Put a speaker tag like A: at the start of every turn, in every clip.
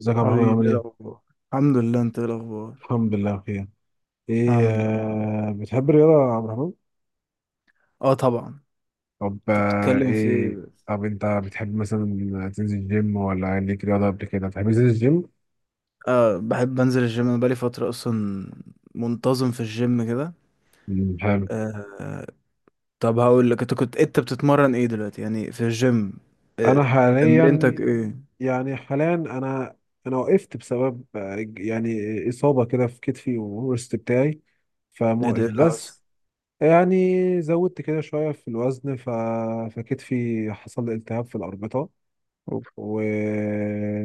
A: ازيك يا عبد الرحمن
B: حبيبي،
A: عامل
B: ايه
A: ايه؟
B: الاخبار؟ الحمد لله. انت ايه الاخبار؟
A: الحمد لله بخير. ايه
B: الحمد لله.
A: آه بتحب الرياضة يا عبد الرحمن؟
B: اه، طبعا.
A: طب
B: انت
A: آه
B: بتتكلم في
A: ايه
B: إيه؟
A: طب انت بتحب مثلا تنزل جيم ولا ليك رياضة قبل كده؟ بتحب تنزل الجيم؟
B: آه، بحب انزل الجيم. انا بقالي فتره اصلا منتظم في الجيم كده.
A: مم، حلو.
B: آه. طب هقول لك، انت بتتمرن ايه دلوقتي يعني في الجيم؟ آه.
A: انا حاليا
B: تمرينتك، تمرين.
A: يعني حاليا انا انا وقفت بسبب يعني اصابة كده في كتفي والورست بتاعي،
B: ايه ده؟
A: فموقف
B: ايه اللي حصل؟
A: بس. يعني زودت كده شوية في الوزن، فكتفي حصل لي التهاب في الأربطة.
B: أوف.
A: و...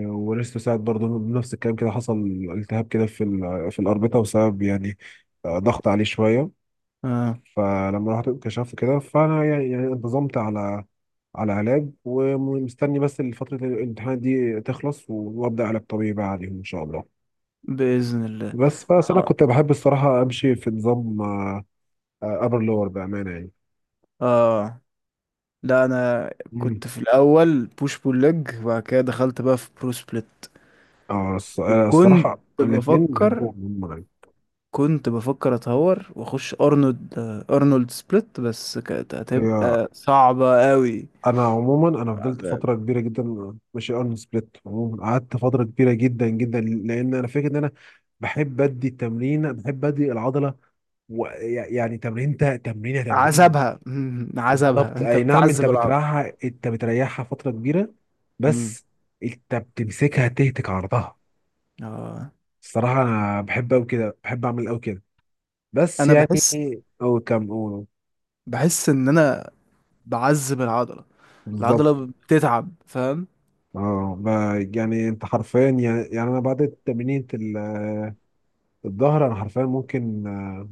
A: وريستو ساعد برضه بنفس الكلام كده، حصل التهاب كده في في الأربطة بسبب يعني ضغط عليه شوية.
B: اه،
A: فلما رحت انكشفت كده فأنا يعني، انتظمت على علاج، ومستني بس فترة الامتحان دي تخلص وأبدأ علاج طبيعي بقى عليهم إن شاء الله.
B: باذن الله.
A: بس أنا
B: اه.
A: كنت بحب الصراحة أمشي في نظام أبر لور بأمانة يعني.
B: اه. لا، انا كنت
A: مم.
B: في الاول بوش بول ليج، وبعد كده دخلت بقى في برو سبليت.
A: اه،
B: وكنت
A: الصراحة
B: حلو
A: الاتنين
B: بفكر،
A: بحبهم هم يعني.
B: كنت بفكر اتهور واخش ارنولد سبليت، بس كانت
A: هي،
B: هتبقى صعبة قوي.
A: انا عموما فضلت فتره كبيره جدا ماشي اون سبليت. عموما قعدت فتره كبيره جدا جدا لان انا فاكر ان انا بحب ادي التمرين، بحب ادي العضله. يعني تمرينه تمرينه.
B: عذابها عذابها.
A: بالظبط،
B: انت
A: اي نعم،
B: بتعذب العضلة.
A: انت بتريحها فتره كبيره
B: مم.
A: بس. انت بتمسكها تهتك عرضها.
B: اه،
A: الصراحه انا بحب قوي كده، بحب اعمل قوي كده بس
B: انا
A: يعني
B: بحس.
A: او كم او.
B: ان انا بعذب العضلة.
A: بالظبط.
B: العضلة بتتعب، فاهم؟
A: يعني انت حرفيا، يعني انا بعد تمرينة الظهر انا حرفيا ممكن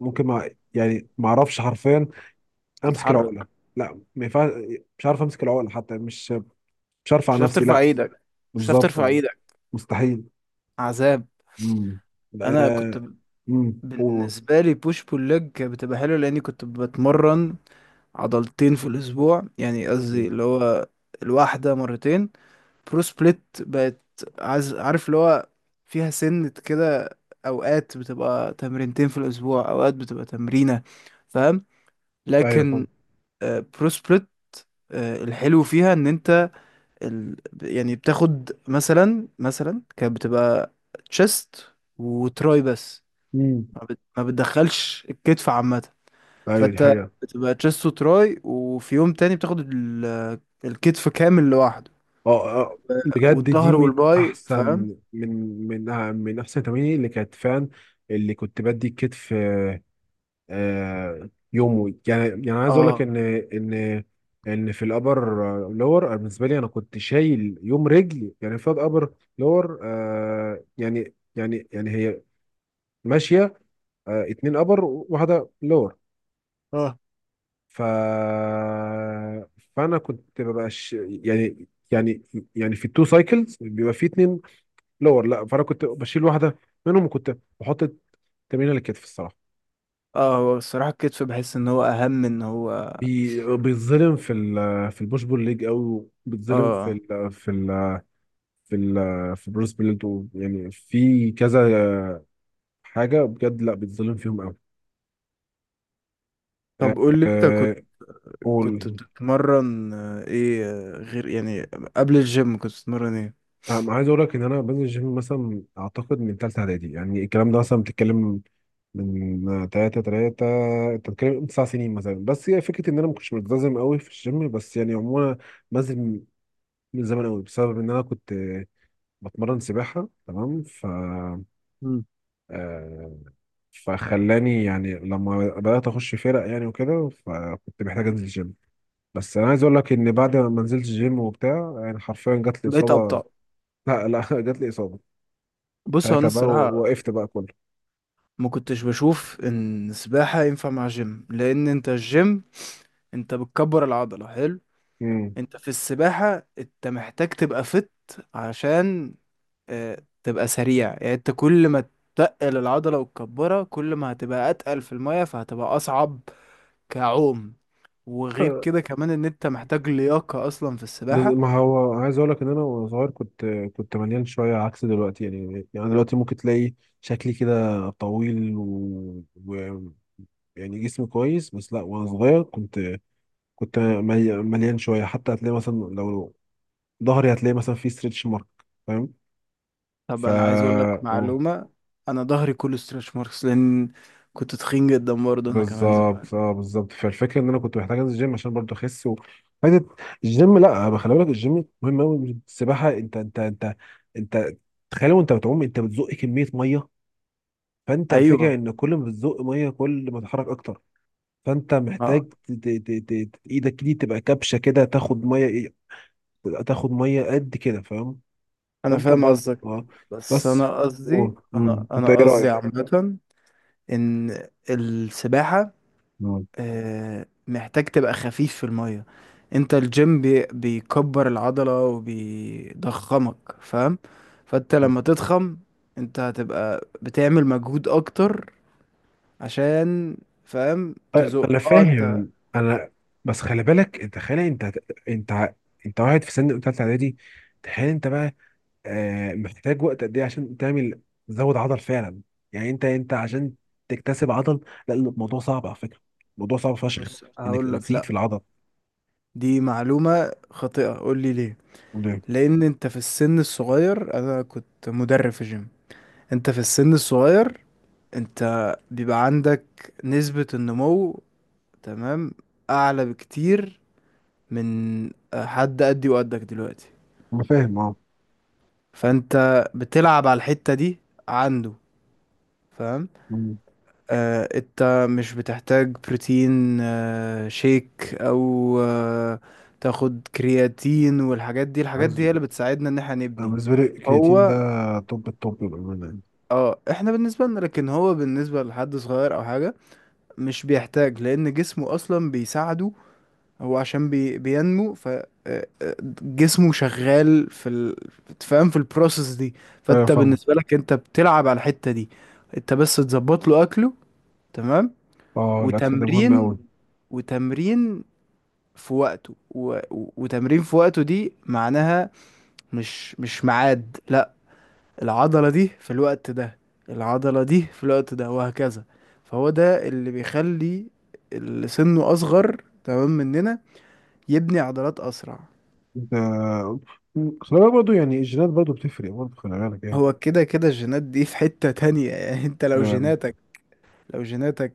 A: ممكن ما يعني ما اعرفش حرفيا امسك
B: تتحرك.
A: العقله. لا، ما ينفعش، مش عارف امسك العقله حتى. مش عارف
B: مش
A: على
B: هتعرف
A: نفسي
B: ترفع
A: لا.
B: ايدك. مش هتعرف
A: بالظبط
B: ترفع ايدك.
A: مستحيل.
B: عذاب.
A: امم،
B: انا كنت ب-
A: امم، أوه.
B: بالنسبة لي، بوش بول ليج بتبقى حلوة لاني كنت بتمرن عضلتين في الأسبوع، يعني قصدي اللي هو الواحدة مرتين. برو سبليت بقت، عارف، اللي هو فيها سنة كده. أوقات بتبقى تمرينتين في الأسبوع، أوقات بتبقى تمرينة، فاهم؟
A: ايوه فاهم.
B: لكن برو سبليت، الحلو فيها إن أنت ال... يعني بتاخد مثلا. كانت بتبقى تشيست وتراي بس.
A: امم.
B: ما بتدخلش الكتف عامة.
A: ايوه دي
B: فانت
A: حقيقه.
B: بتبقى تشيست وتراي، وفي يوم تاني بتاخد الكتف كامل لوحده.
A: اه بجد دي
B: والظهر
A: من
B: والباي،
A: احسن،
B: فاهم؟
A: من من احسن تمارين اللي كانت فعلا، اللي كنت بدي الكتف يومه يعني. يعني عايز اقول لك
B: اه
A: ان ان في الابر لور بالنسبه لي، انا كنت شايل يوم رجل يعني في ابر لور يعني، يعني هي ماشيه، اتنين ابر وواحده لور.
B: اه.
A: ف فانا كنت ببقى ش... يعني يعني يعني في التو سايكلز بيبقى في اتنين لور، لا فانا كنت بشيل واحده منهم، وكنت بحط التمرين على الكتف الصراحه.
B: اه. هو الصراحة الكتف بحس ان هو اهم، ان هو.
A: بيتظلم في ال، في البوش بول ليج قوي، وبيتظلم في
B: اه.
A: ال في ال في ال في بروس بليت يعني في كذا حاجه بجد، لا بيتظلم فيهم قوي. أه
B: طب قول لي، انت كنت،
A: آه، قول.
B: بتتمرن ايه غير يعني، قبل الجيم كنت بتتمرن ايه؟
A: أنا عايز اقول لك ان انا بنزل الجيم مثلا اعتقد من ثالثه اعدادي، يعني الكلام ده مثلا بتتكلم من تلاتة. انت بتتكلم 9 سنين مثلا. بس هي فكره ان انا ما كنتش ملتزم قوي في الجيم، بس يعني عموما بنزل من زمان قوي، بسبب ان انا كنت بتمرن سباحه تمام. ف
B: مم.
A: آه، فخلاني يعني لما بدأت أخش فرق يعني وكده، فكنت محتاج أنزل جيم. بس أنا عايز أقول لك إن بعد ما نزلت جيم وبتاع، يعني حرفيا جات لي
B: بقيت
A: إصابة.
B: ابطأ.
A: لا، لا، جات لي إصابة.
B: بص، هو انا
A: ساعتها بقى
B: الصراحة
A: وقفت بقى كله.
B: ما كنتش بشوف ان السباحة ينفع مع جيم. لان انت الجيم، انت بتكبر العضلة، حلو.
A: مم.
B: انت في السباحة انت محتاج تبقى فت، عشان اه تبقى سريع، يعني انت كل ما تتقل العضلة وتكبرها كل ما هتبقى اتقل في المية، فهتبقى اصعب كعوم. وغير
A: آه،
B: كده كمان ان انت محتاج لياقة اصلا في
A: بس
B: السباحة.
A: ما هو عايز أقول لك إن أنا وأنا صغير كنت، مليان شوية عكس دلوقتي. يعني، دلوقتي ممكن تلاقي شكلي كده طويل يعني جسمي كويس. بس لا وأنا صغير كنت، مليان شويه حتى. هتلاقي مثلا لو ظهري هتلاقي مثلا فيه ستريتش مارك، فاهم.
B: طب
A: ف
B: انا عايز اقول لك
A: أوه،
B: معلومة. انا ظهري كله ستريتش ماركس، لان كنت تخين جدا برضه انا كمان زمان.
A: بالظبط، اه بالظبط. فالفكره ان انا كنت محتاج انزل الجيم عشان برضه اخس فايدة الجيم. لا خلي بالك الجيم مهم قوي. السباحه انت انت تخيل وانت بتعوم انت بتزق كميه ميه. فانت الفكره
B: ايوه.
A: ان كل ما بتزق ميه، كل ما تتحرك اكتر. فانت
B: اه،
A: محتاج ايدك دي تبقى كبشه كده، تاخد ميه إيه، تاخد ميه قد كده، فاهم.
B: انا
A: فانت
B: فاهم
A: برضه
B: قصدك.
A: اه
B: بس
A: بس.
B: انا قصدي،
A: أوه،
B: انا
A: مم. انت
B: انا
A: ايه
B: قصدي
A: رايك؟
B: عامة ان السباحة، محتاج تبقى خفيف في المية. انت الجيم بيكبر العضلة وبيضخمك، فاهم؟ فانت
A: مم.
B: لما تضخم، انت هتبقى بتعمل مجهود اكتر، عشان، فاهم،
A: أه،
B: تزق.
A: انا
B: اه، انت.
A: فاهم انا، بس خلي بالك انت. خلي انت انت انت واحد في سن تالتة اعدادي. تخيل انت بقى محتاج وقت قد ايه عشان تعمل، تزود عضل فعلا. يعني انت عشان تكتسب عضل. لا الموضوع صعب على فكرة، الموضوع صعب فشخ
B: بص،
A: انك
B: هقول لك
A: تزيد
B: لا،
A: في العضل.
B: دي معلومة خاطئة. قول لي ليه.
A: ده
B: لان انت في السن الصغير، انا كنت مدرب في جيم. انت في السن الصغير، انت بيبقى عندك نسبة النمو، تمام، اعلى بكتير من حد قدي وقدك دلوقتي.
A: انا فاهم اه.
B: فانت بتلعب على الحتة دي عنده، فاهم؟
A: مم.
B: آه، انت مش بتحتاج بروتين شيك، او تاخد كرياتين والحاجات دي. الحاجات
A: عايز
B: دي هي اللي بتساعدنا ان احنا
A: انا،
B: نبني.
A: بالنسبه لي الكرياتين ده
B: هو.
A: توب التوب بامانه يعني.
B: اه، احنا بالنسبة لنا، لكن هو بالنسبة لحد صغير او حاجة مش بيحتاج، لان جسمه اصلا بيساعده. هو عشان بينمو، جسمه شغال في تفهم، في البروسيس دي.
A: ايوه
B: فانت
A: فاهم.
B: بالنسبه لك، انت بتلعب على الحته دي. انت بس تظبط له اكله، تمام،
A: اه، الاكل ده مهم
B: وتمرين.
A: قوي.
B: وتمرين في وقته. وتمرين في وقته، دي معناها مش، ميعاد، لا. العضله دي في الوقت ده. العضله دي في الوقت ده، وهكذا. فهو ده اللي بيخلي اللي سنه اصغر تمام مننا يبني عضلات اسرع.
A: ده خلي بالك برضه يعني الجينات برضه بتفرق، برضه خلي بالك
B: هو كده كده الجينات دي في حتة تانية يعني انت لو
A: يعني.
B: جيناتك، لو جيناتك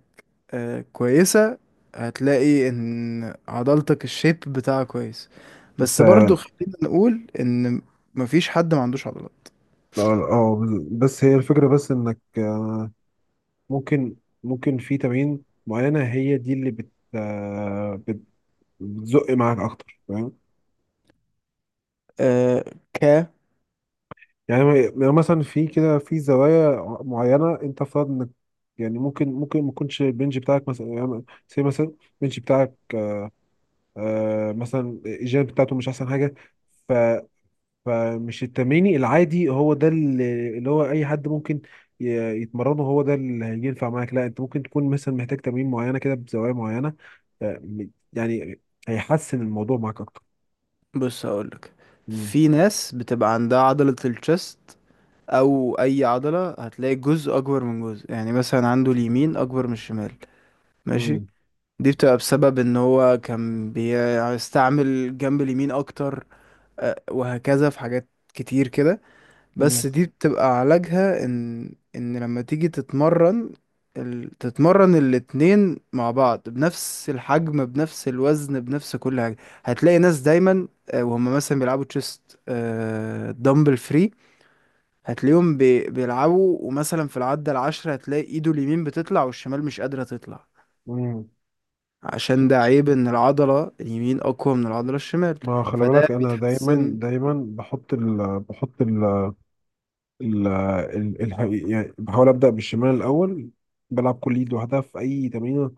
B: كويسة، هتلاقي ان عضلتك الشيب بتاعها كويس.
A: انت
B: بس برضو
A: اه،
B: خلينا نقول ان مفيش حد ما عندوش عضلات.
A: آه، بس هي الفكرة، بس انك ممكن، في تمارين معينة هي دي اللي بتزق معاك اكتر، فاهم.
B: آه. ك
A: يعني مثلا في كده في زوايا معينة، انت افترض انك يعني ممكن، ما يكونش البنج بتاعك مثلا يعني سي مثلا، البنج بتاعك مثلا الجيم بتاعته مش احسن حاجة. فمش التمرين العادي هو ده، اللي هو اي حد ممكن يتمرنه هو ده اللي هينفع معاك. لا انت ممكن تكون مثلا محتاج تمرين معينه كده بزوايا معينه يعني هيحسن الموضوع معاك اكتر.
B: بص، هقولك،
A: مم.
B: في ناس بتبقى عندها عضلة الشست، او اي عضلة هتلاقي جزء اكبر من جزء، يعني مثلا عنده اليمين اكبر من الشمال. ماشي.
A: مم.
B: دي بتبقى بسبب ان هو كان بيستعمل جنب اليمين اكتر، وهكذا في حاجات كتير كده.
A: مم.
B: بس دي بتبقى علاجها ان، لما تيجي تتمرن تتمرن الاتنين مع بعض بنفس الحجم، بنفس الوزن، بنفس كل حاجة. هتلاقي ناس دايما، وهم مثلا بيلعبوا تشيست دمبل فري. هتلاقيهم بيلعبوا، ومثلا في العدة 10 هتلاقي ايده اليمين بتطلع والشمال مش قادرة تطلع.
A: مم.
B: عشان ده عيب ان العضلة اليمين اقوى من العضلة الشمال.
A: ما خلي
B: فده
A: بالك انا دايما،
B: بيتحسن
A: دايما بحط ال بحط ال ال ال ال يعني بحاول ابدا بالشمال الاول. بلعب كل ايد لوحدها في اي تمرين.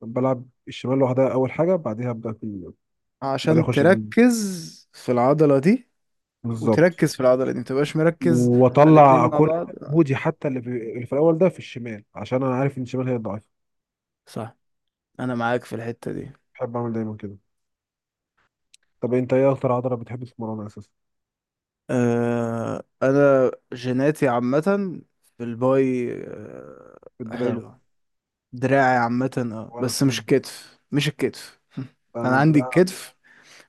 A: بلعب الشمال لوحدها اول حاجه، بعدها ابدا في، بعدها
B: عشان
A: اخش
B: تركز في العضلة دي،
A: بالظبط.
B: وتركز في العضلة دي، متبقاش مركز على الاتنين
A: واطلع
B: مع
A: كل
B: بعض.
A: مجهودي حتى، اللي في، اللي في الاول ده في الشمال، عشان انا عارف ان الشمال هي الضعيفه.
B: صح. أنا معاك في الحتة دي.
A: بحب اعمل دايما كده. طب انت ايه اكتر عضله بتحب تتمرنها اساسا؟
B: أه، أنا جيناتي عامة في الباي، أه،
A: الدراع.
B: حلوة. دراعي عامة اه،
A: وانا
B: بس مش
A: السين
B: الكتف. مش الكتف
A: انا
B: أنا عندي
A: الدراع.
B: الكتف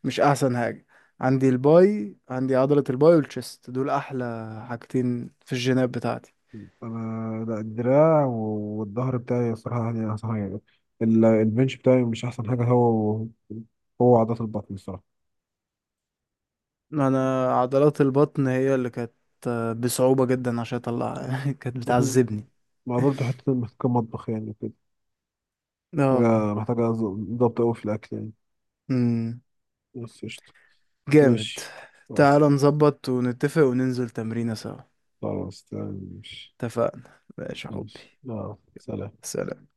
B: مش أحسن حاجة. عندي الباي، عندي عضلة الباي والتشست دول أحلى حاجتين في الجينات بتاعتي.
A: انا لا، الدراع والظهر بتاعي الصراحه يعني احسن حاجه. البنش بتاعي مش احسن حاجه. هو عضلات البطن الصراحه
B: انا عضلات البطن هي اللي كانت، بصعوبة جدا عشان اطلعها كانت
A: مهم.
B: بتعذبني.
A: ما برضه حتة محتاجة مطبخ يعني وكده.
B: اه.
A: محتاجة ضبط أوي في الأكل يعني.
B: امم.
A: بس قشطة.
B: جامد.
A: ماشي.
B: تعال
A: خلاص.
B: نظبط ونتفق وننزل تمرينة سوا.
A: خلاص تمام ماشي.
B: اتفقنا، ماشي يا
A: ماشي،
B: حبي.
A: لا سلام.
B: سلام.